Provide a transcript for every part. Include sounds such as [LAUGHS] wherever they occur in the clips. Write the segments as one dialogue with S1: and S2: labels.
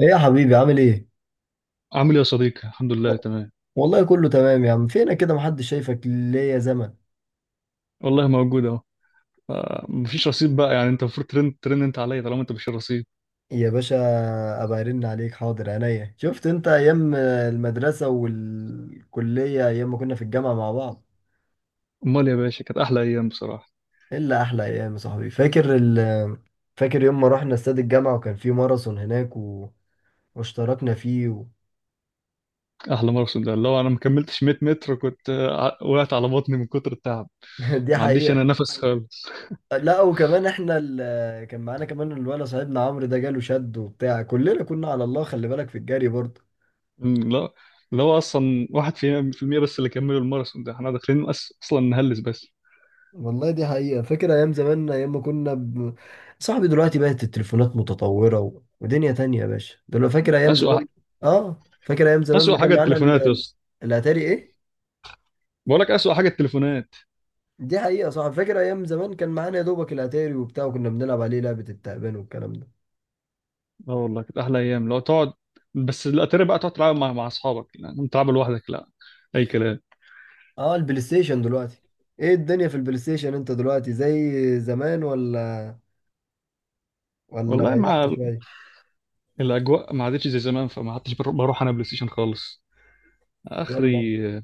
S1: ايه يا حبيبي، عامل ايه؟
S2: عامل ايه يا صديقي، الحمد لله
S1: و-
S2: تمام.
S1: والله كله تمام يا عم، فينا كده محدش شايفك ليا زمن.
S2: والله موجود اهو. مفيش رصيد بقى، يعني انت المفروض ترن ترن انت عليا طالما انت مش الرصيد.
S1: يا باشا، ابقى ارن عليك، حاضر عينيا. شفت انت ايام المدرسة والكلية، ايام ما كنا في الجامعة مع بعض.
S2: امال يا باشا، كانت احلى ايام بصراحه.
S1: الا احلى ايام يا صاحبي. فاكر يوم ما رحنا استاد الجامعة وكان في ماراثون هناك واشتركنا فيه
S2: احلى ماراثون ده، لو انا ما كملتش 100 متر كنت، وقعت على بطني من كتر التعب.
S1: [LAUGHS] دي
S2: ما عنديش
S1: حقيقة.
S2: انا نفس [LAUGHS] خالص.
S1: لا وكمان احنا كان معانا كمان الولد صاحبنا عمرو، ده جاله شد وبتاع، كلنا كنا على الله، خلي بالك في الجري برضه.
S2: أمم، لا. لا، هو اصلا واحد في المية، بس اللي كملوا الماراثون ده احنا داخلين اصلا نهلس بس.
S1: والله دي حقيقة. فاكر أيام زمان، أيام ما كنا صاحبي دلوقتي بقت التليفونات متطورة ودنيا تانية يا باشا، دلوقتي فاكر أيام
S2: اسوأ
S1: زمان.
S2: ح-
S1: فاكر أيام زمان ما
S2: اسوأ
S1: كان
S2: حاجه
S1: معانا
S2: التليفونات يا اسطى.
S1: الأتاري إيه؟
S2: بقول لك اسوأ حاجه التليفونات.
S1: دي حقيقة، صح. فاكر أيام زمان كان معانا يا دوبك الأتاري وبتاع، وكنا بنلعب عليه لعبة التعبان والكلام ده.
S2: اه والله كانت احلى ايام لو تقعد. بس الاتاري بقى تقعد تلعب مع اصحابك، يعني تلعب لوحدك لا. اي كلام.
S1: البلاي ستيشن دلوقتي، إيه الدنيا في البلاي ستيشن؟ أنت دلوقتي زي زمان ولا
S2: والله،
S1: ريحت
S2: مع
S1: شوية؟
S2: الاجواء ما عادتش زي زمان، فما عدتش بروح انا بلاي ستيشن خالص
S1: يلا.
S2: اخري.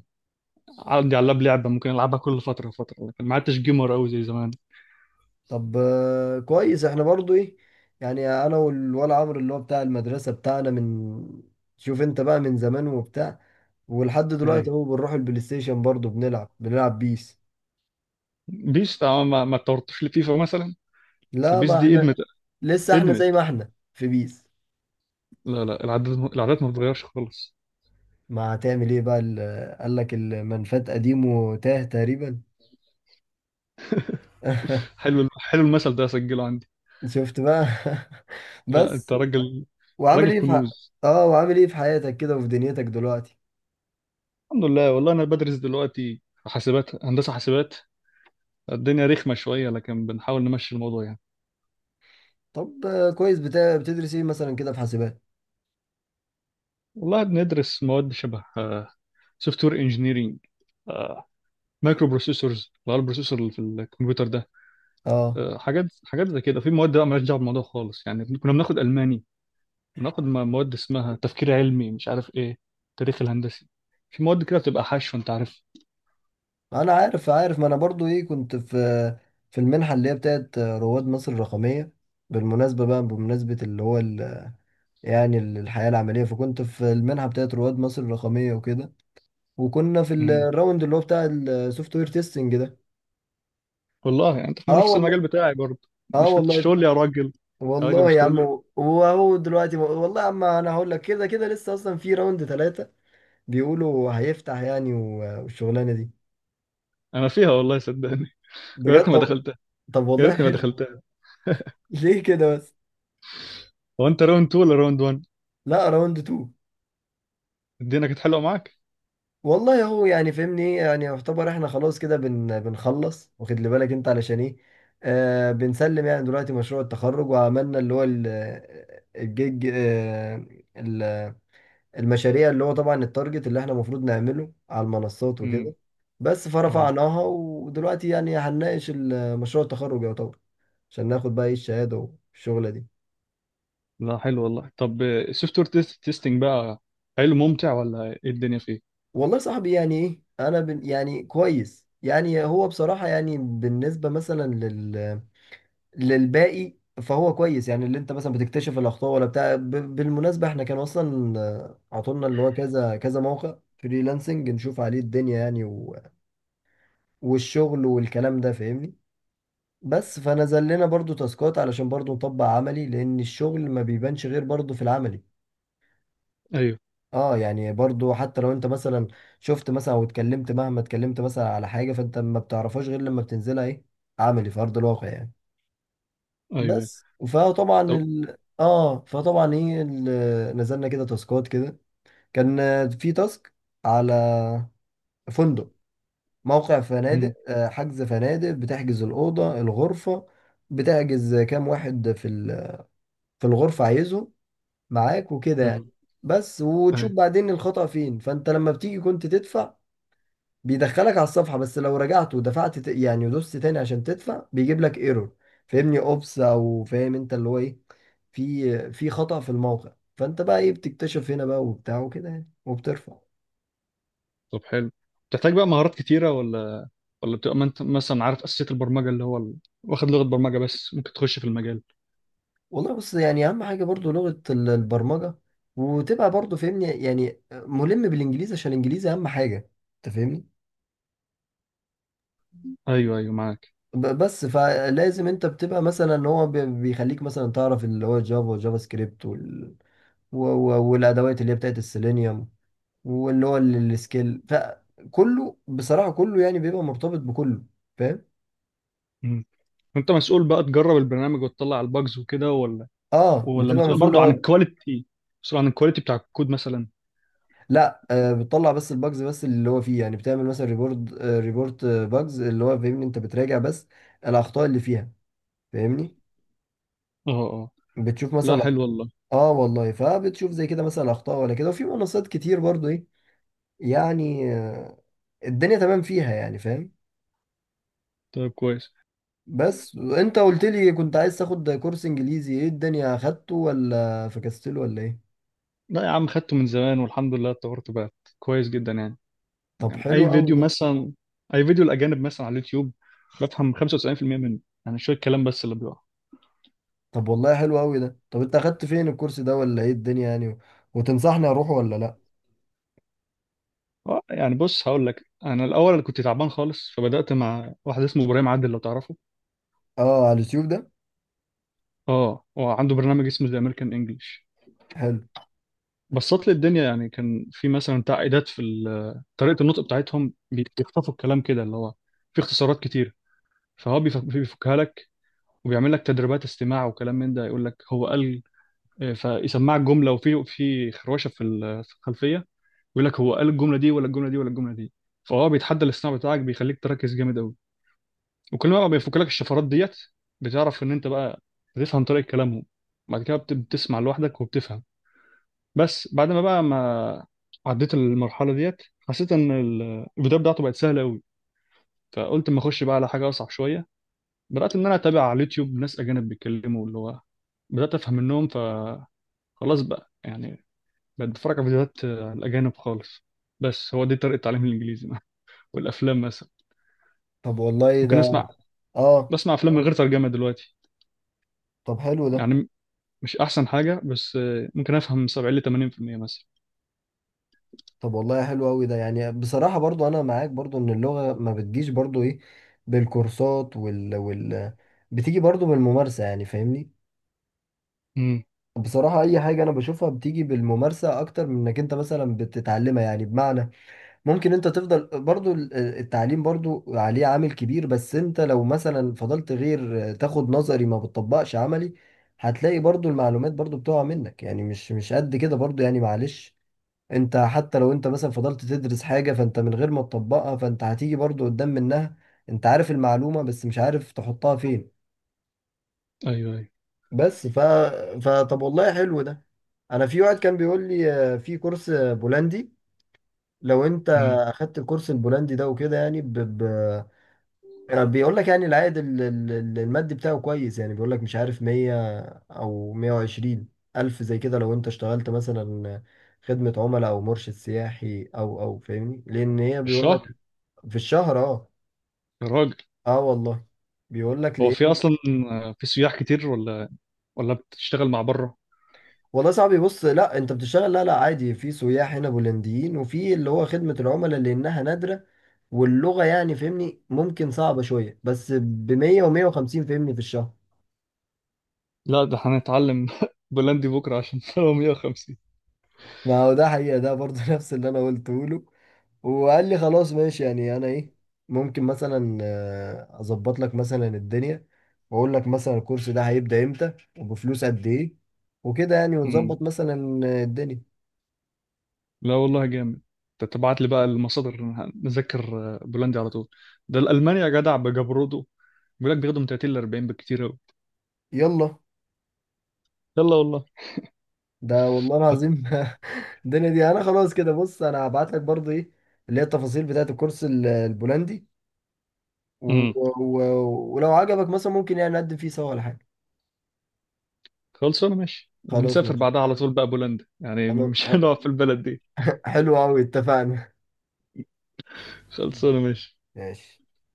S2: عندي على اللاب لعبه ممكن العبها كل فتره وفتره، لكن ما عدتش جيمر قوي زي زمان.
S1: طب كويس. احنا برضو ايه، يعني انا والولا عمرو اللي هو بتاع المدرسة بتاعنا من... شوف انت بقى من زمان وبتاع. ولحد
S2: اي.
S1: دلوقتي اهو بنروح البلاي ستيشن برضو، بنلعب بيس.
S2: بيس، ما اتطورتش لفيفا مثلا. بس
S1: لا،
S2: البيس
S1: ما
S2: دي ادمت.
S1: احنا لسه احنا زي
S2: ادمت.
S1: ما احنا في بيس.
S2: لا لا، العادات العادات ما بتتغيرش خالص.
S1: ما هتعمل ايه بقى، قال لك المنفات قديم وتاه تقريبا. [LAUGHS]
S2: حلو، حلو المثل ده، اسجله عندي.
S1: شفت بقى. [LAUGHS]
S2: لا انت
S1: بس.
S2: راجل.
S1: وعامل
S2: راجل
S1: ايه في ح-
S2: كنوز.
S1: اه وعامل ايه في حياتك كده وفي دنيتك دلوقتي؟
S2: الحمد لله، والله انا بدرس دلوقتي في حاسبات، هندسه حاسبات. الدنيا رخمه شويه، لكن بنحاول نمشي الموضوع يعني.
S1: طب كويس. بتدرس ايه مثلا كده في حاسبات؟
S2: والله بندرس مواد شبه سوفت وير انجينيرنج، مايكرو بروسيسورز اللي هو البروسيسور اللي في الكمبيوتر ده.
S1: اه
S2: حاجات حاجات زي كده. في مواد بقى مالهاش دعوه بالموضوع خالص، يعني كنا بناخد الماني. بناخد مواد اسمها تفكير علمي، مش عارف ايه. تاريخ الهندسي. في مواد كده بتبقى حشو، انت عارف.
S1: انا عارف، ما انا برضو ايه كنت في المنحه اللي هي بتاعت رواد مصر الرقميه. بالمناسبه بقى، بمناسبه اللي هو يعني الحياه العمليه، فكنت في المنحه بتاعت رواد مصر الرقميه وكده. وكنا في
S2: مم.
S1: الراوند اللي هو بتاع السوفت وير تيستنج ده.
S2: والله، يعني انت في
S1: اه
S2: نفس المجال
S1: والله.
S2: بتاعي برضه؟
S1: اه
S2: مش
S1: والله.
S2: بتشتغل لي يا راجل؟ يا راجل،
S1: والله
S2: مش
S1: يا
S2: تقول
S1: عم.
S2: لي.
S1: وهو دلوقتي والله يا عم، انا هقول لك، كده كده لسه اصلا في راوند ثلاثه. بيقولوا هيفتح يعني، والشغلانه دي.
S2: انا فيها والله صدقني. يا
S1: بجد.
S2: ريتني ما
S1: طب.
S2: دخلتها.
S1: طب
S2: يا
S1: والله
S2: ريتني ما
S1: حلو.
S2: دخلتها. [LAUGHS]
S1: [LAUGHS] ليه كده بس؟
S2: هو انت راوند 2 ولا راوند 1؟
S1: لا، راوند 2.
S2: الدنيا كانت حلوه معاك.
S1: والله هو يعني فهمني ايه يعني، يعتبر احنا خلاص كده بنخلص، واخد لي بالك انت علشان ايه. بنسلم يعني دلوقتي مشروع التخرج، وعملنا اللي هو الجيج. ال- المشاريع اللي هو طبعا التارجت اللي احنا المفروض نعمله على المنصات
S2: امم.
S1: وكده. بس
S2: اه.
S1: فرفعناها، ودلوقتي يعني هنناقش مشروع التخرج يعتبر، عشان ناخد بقى ايه الشهادة والشغلة دي.
S2: لا، حلو والله. طب السوفت وير تيستنج بقى، حلو ممتع، ولا ايه الدنيا فيه؟
S1: والله صاحبي يعني ايه، انا بن يعني كويس يعني هو بصراحة، يعني بالنسبة مثلا للباقي. فهو كويس يعني، اللي انت مثلا بتكتشف الاخطاء ولا بتاع بالمناسبه احنا كان اصلا عطولنا اللي هو كذا كذا موقع فريلانسنج نشوف عليه الدنيا يعني والشغل والكلام ده فاهمني.
S2: مم.
S1: بس فنزل لنا برضو تاسكات علشان برضو نطبق عملي، لان الشغل ما بيبانش غير برضو في العملي.
S2: ايوه.
S1: اه يعني برضو حتى لو انت مثلا شفت مثلا او اتكلمت، مهما اتكلمت مثلا على حاجه، فانت ما بتعرفهاش غير لما بتنزلها ايه، عملي في ارض الواقع يعني.
S2: ايوه. ايوه.
S1: بس
S2: طب.
S1: فطبعا ايه نزلنا كده تاسكات كده، كان في تاسك على فندق، موقع فنادق،
S2: امم.
S1: حجز فنادق، بتحجز الأوضة الغرفة، بتحجز كام واحد في في الغرفة عايزه معاك وكده يعني.
S2: امم.
S1: بس وتشوف
S2: ايوه.
S1: بعدين الخطأ فين، فانت لما بتيجي كنت تدفع، بيدخلك على الصفحة، بس لو رجعت ودفعت يعني ودوست تاني عشان تدفع بيجيب لك ايرور. فاهمني اوبس، او فاهم انت اللي هو ايه، في خطأ في الموقع، فانت بقى ايه بتكتشف هنا بقى وبتاع وكده يعني، وبترفع.
S2: طب حلو. بتحتاج بقى مهارات كتيره، ولا بتبقى ما انت مثلا عارف اساسيات البرمجه، اللي هو ال... واخد لغه برمجه بس ممكن تخش في المجال؟
S1: والله بص يعني اهم حاجة برضو لغة البرمجة، وتبقى برضو فاهمني يعني ملم بالانجليزي، عشان الانجليزي اهم حاجة، انت فاهمني.
S2: ايوه ايوه، معاك.
S1: بس فلازم انت بتبقى مثلا، هو بيخليك مثلا تعرف اللي هو جافا وجافا سكريبت والادوات اللي هي بتاعت السيلينيوم، واللي هو السكيل، فكله بصراحة كله يعني بيبقى مرتبط بكله، فاهم.
S2: امم. انت مسؤول بقى تجرب البرنامج وتطلع الباجز وكده، ولا
S1: اه
S2: ولا
S1: بتبقى
S2: مسؤول برضو عن
S1: مسؤولة.
S2: الكواليتي؟ مسؤول عن الكواليتي بتاع الكود مثلا؟
S1: لا بتطلع بس الباجز، بس اللي هو فيه يعني بتعمل مثلا ريبورت، ريبورت باجز اللي هو فاهمني، انت بتراجع بس الاخطاء اللي فيها، فاهمني.
S2: اه اه.
S1: بتشوف
S2: لا،
S1: مثلا.
S2: حلو والله.
S1: اه والله، فبتشوف زي كده مثلا اخطاء ولا كده، وفي منصات كتير برضو ايه يعني. الدنيا تمام فيها يعني، فاهم.
S2: طيب، كويس.
S1: بس انت قلت لي كنت عايز تاخد كورس انجليزي، ايه الدنيا، اخدته ولا فكستله ولا ايه؟
S2: لا يا عم، خدته من زمان والحمد لله، اتطورت بقت كويس جدا يعني.
S1: طب
S2: يعني
S1: حلو
S2: اي
S1: قوي
S2: فيديو
S1: ده.
S2: مثلا، اي فيديو الاجانب مثلا على اليوتيوب، بفهم 95% منه. يعني شويه كلام بس اللي بيقع.
S1: طب والله حلو قوي ده. طب انت اخدت فين الكورس ده ولا ايه الدنيا يعني وتنصحني اروح ولا لا؟
S2: اه، يعني بص هقول لك، انا الاول انا كنت تعبان خالص، فبدات مع واحد اسمه ابراهيم عادل، لو تعرفه.
S1: اه على اليوتيوب ده.
S2: اه، هو عنده برنامج اسمه ذا امريكان انجلش.
S1: حلو.
S2: بسط لي الدنيا، يعني كان في مثلا تعقيدات في طريقه النطق بتاعتهم، بيخطفوا الكلام كده، اللي هو في اختصارات كتير. فهو بيفكها لك، وبيعمل لك تدريبات استماع وكلام من ده. يقول لك هو قال، فيسمعك جمله، وفي في خروشه في في الخلفيه، يقول لك هو قال الجمله دي ولا الجمله دي ولا الجمله دي. فهو بيتحدى الاصطناع بتاعك، بيخليك تركز جامد قوي. وكل ما بقى بيفك لك الشفرات ديت، بتعرف ان انت بقى بتفهم طريقه كلامهم. بعد كده بتسمع لوحدك وبتفهم. بس بعد ما بقى ما عديت المرحله ديت، حسيت ان البدايه بتاعته بقت سهله قوي، فقلت اما اخش بقى على حاجه اصعب شويه. بدات ان انا اتابع على اليوتيوب ناس اجانب بيتكلموا، اللي هو بدات افهم منهم. خلاص بقى يعني، بقت بتفرج على فيديوهات، على الأجانب خالص. بس هو دي طريقة تعليم الإنجليزي. [LAUGHS] والأفلام مثلا
S1: طب والله
S2: ممكن
S1: ده.
S2: أسمع،
S1: اه.
S2: بسمع أفلام من غير ترجمة دلوقتي،
S1: طب حلو ده.
S2: يعني مش أحسن حاجة، بس ممكن أفهم 70 ل 80% مثلا.
S1: طب والله حلو قوي ده. يعني بصراحة برضو، انا معاك برضو ان اللغة ما بتجيش برضو ايه بالكورسات وال بتيجي برضو بالممارسة يعني، فاهمني.
S2: امم.
S1: بصراحة اي حاجة انا بشوفها بتيجي بالممارسة اكتر من انك انت مثلا بتتعلمها، يعني بمعنى، ممكن انت تفضل برضو التعليم برضو عليه عامل كبير، بس انت لو مثلا فضلت غير تاخد نظري، ما بتطبقش عملي، هتلاقي برضو المعلومات برضو بتقع منك يعني، مش قد كده برضو يعني، معلش. انت حتى لو انت مثلا فضلت تدرس حاجة فانت من غير ما تطبقها، فانت هتيجي برضو قدام منها، انت عارف المعلومة بس مش عارف تحطها فين.
S2: أيوه أيوه.
S1: بس ف... فطب والله حلو ده. انا في واحد كان بيقول لي، في كورس بولندي، لو انت
S2: امم.
S1: اخدت الكورس البولندي ده وكده يعني يعني بيقول لك يعني العائد المادي بتاعه كويس، يعني بيقول لك مش عارف 100 او 120 الف زي كده، لو انت اشتغلت مثلا خدمة عملاء او مرشد سياحي او فاهمني، لان هي
S2: في
S1: بيقول لك،
S2: الشهر.
S1: في الشهر. اه.
S2: يا راجل.
S1: اه والله. بيقول لك
S2: هو في
S1: ليه.
S2: أصلا في سياح كتير، ولا ولا بتشتغل مع بره؟
S1: والله صعب، بص، لا انت بتشتغل. لا لا، عادي في سياح هنا بولنديين، وفي اللي هو خدمة العملاء لانها نادرة، واللغة يعني فاهمني ممكن صعبة شوية، بس ب 100 و 150 فاهمني في الشهر.
S2: لا، ده هنتعلم [LAUGHS] بولندي بكرة، عشان [LAUGHS] هو 150.
S1: ما هو ده حقيقة ده برضه، [LAUGHS] نفس اللي أنا قلته له. وقال لي خلاص ماشي، يعني انا ايه، ممكن مثلا اظبط لك مثلا الدنيا، واقول لك مثلا الكورس ده هيبدأ امتى وبفلوس قد ايه، وكده يعني ونظبط مثلا الدنيا.
S2: لا والله، جامد. انت تبعت لي بقى المصادر نذاكر، بولندي على طول. ده الالماني، يا جدع بجبرده، بيقول لك بياخدوا من 30 ل 40، بكتير قوي.
S1: يلا،
S2: يلا والله.
S1: ده والله العظيم. [LAUGHS] الدنيا دي انا خلاص كده، بص انا هبعت لك برضه ايه، اللي هي التفاصيل بتاعت الكورس البولندي، و...
S2: امم.
S1: ولو عجبك مثلا ممكن يعني نقدم فيه سوا ولا حاجة.
S2: خلصانه، ماشي،
S1: خلاص
S2: ونسافر
S1: ماشي.
S2: بعدها على طول بقى بولندا، يعني
S1: خلاص.
S2: مش [LAUGHS]
S1: [LAUGHS]
S2: هنقعد في البلد دي.
S1: حلو قوي، اتفقنا. [LAUGHS]
S2: خلصانه ماشي.
S1: ماشي.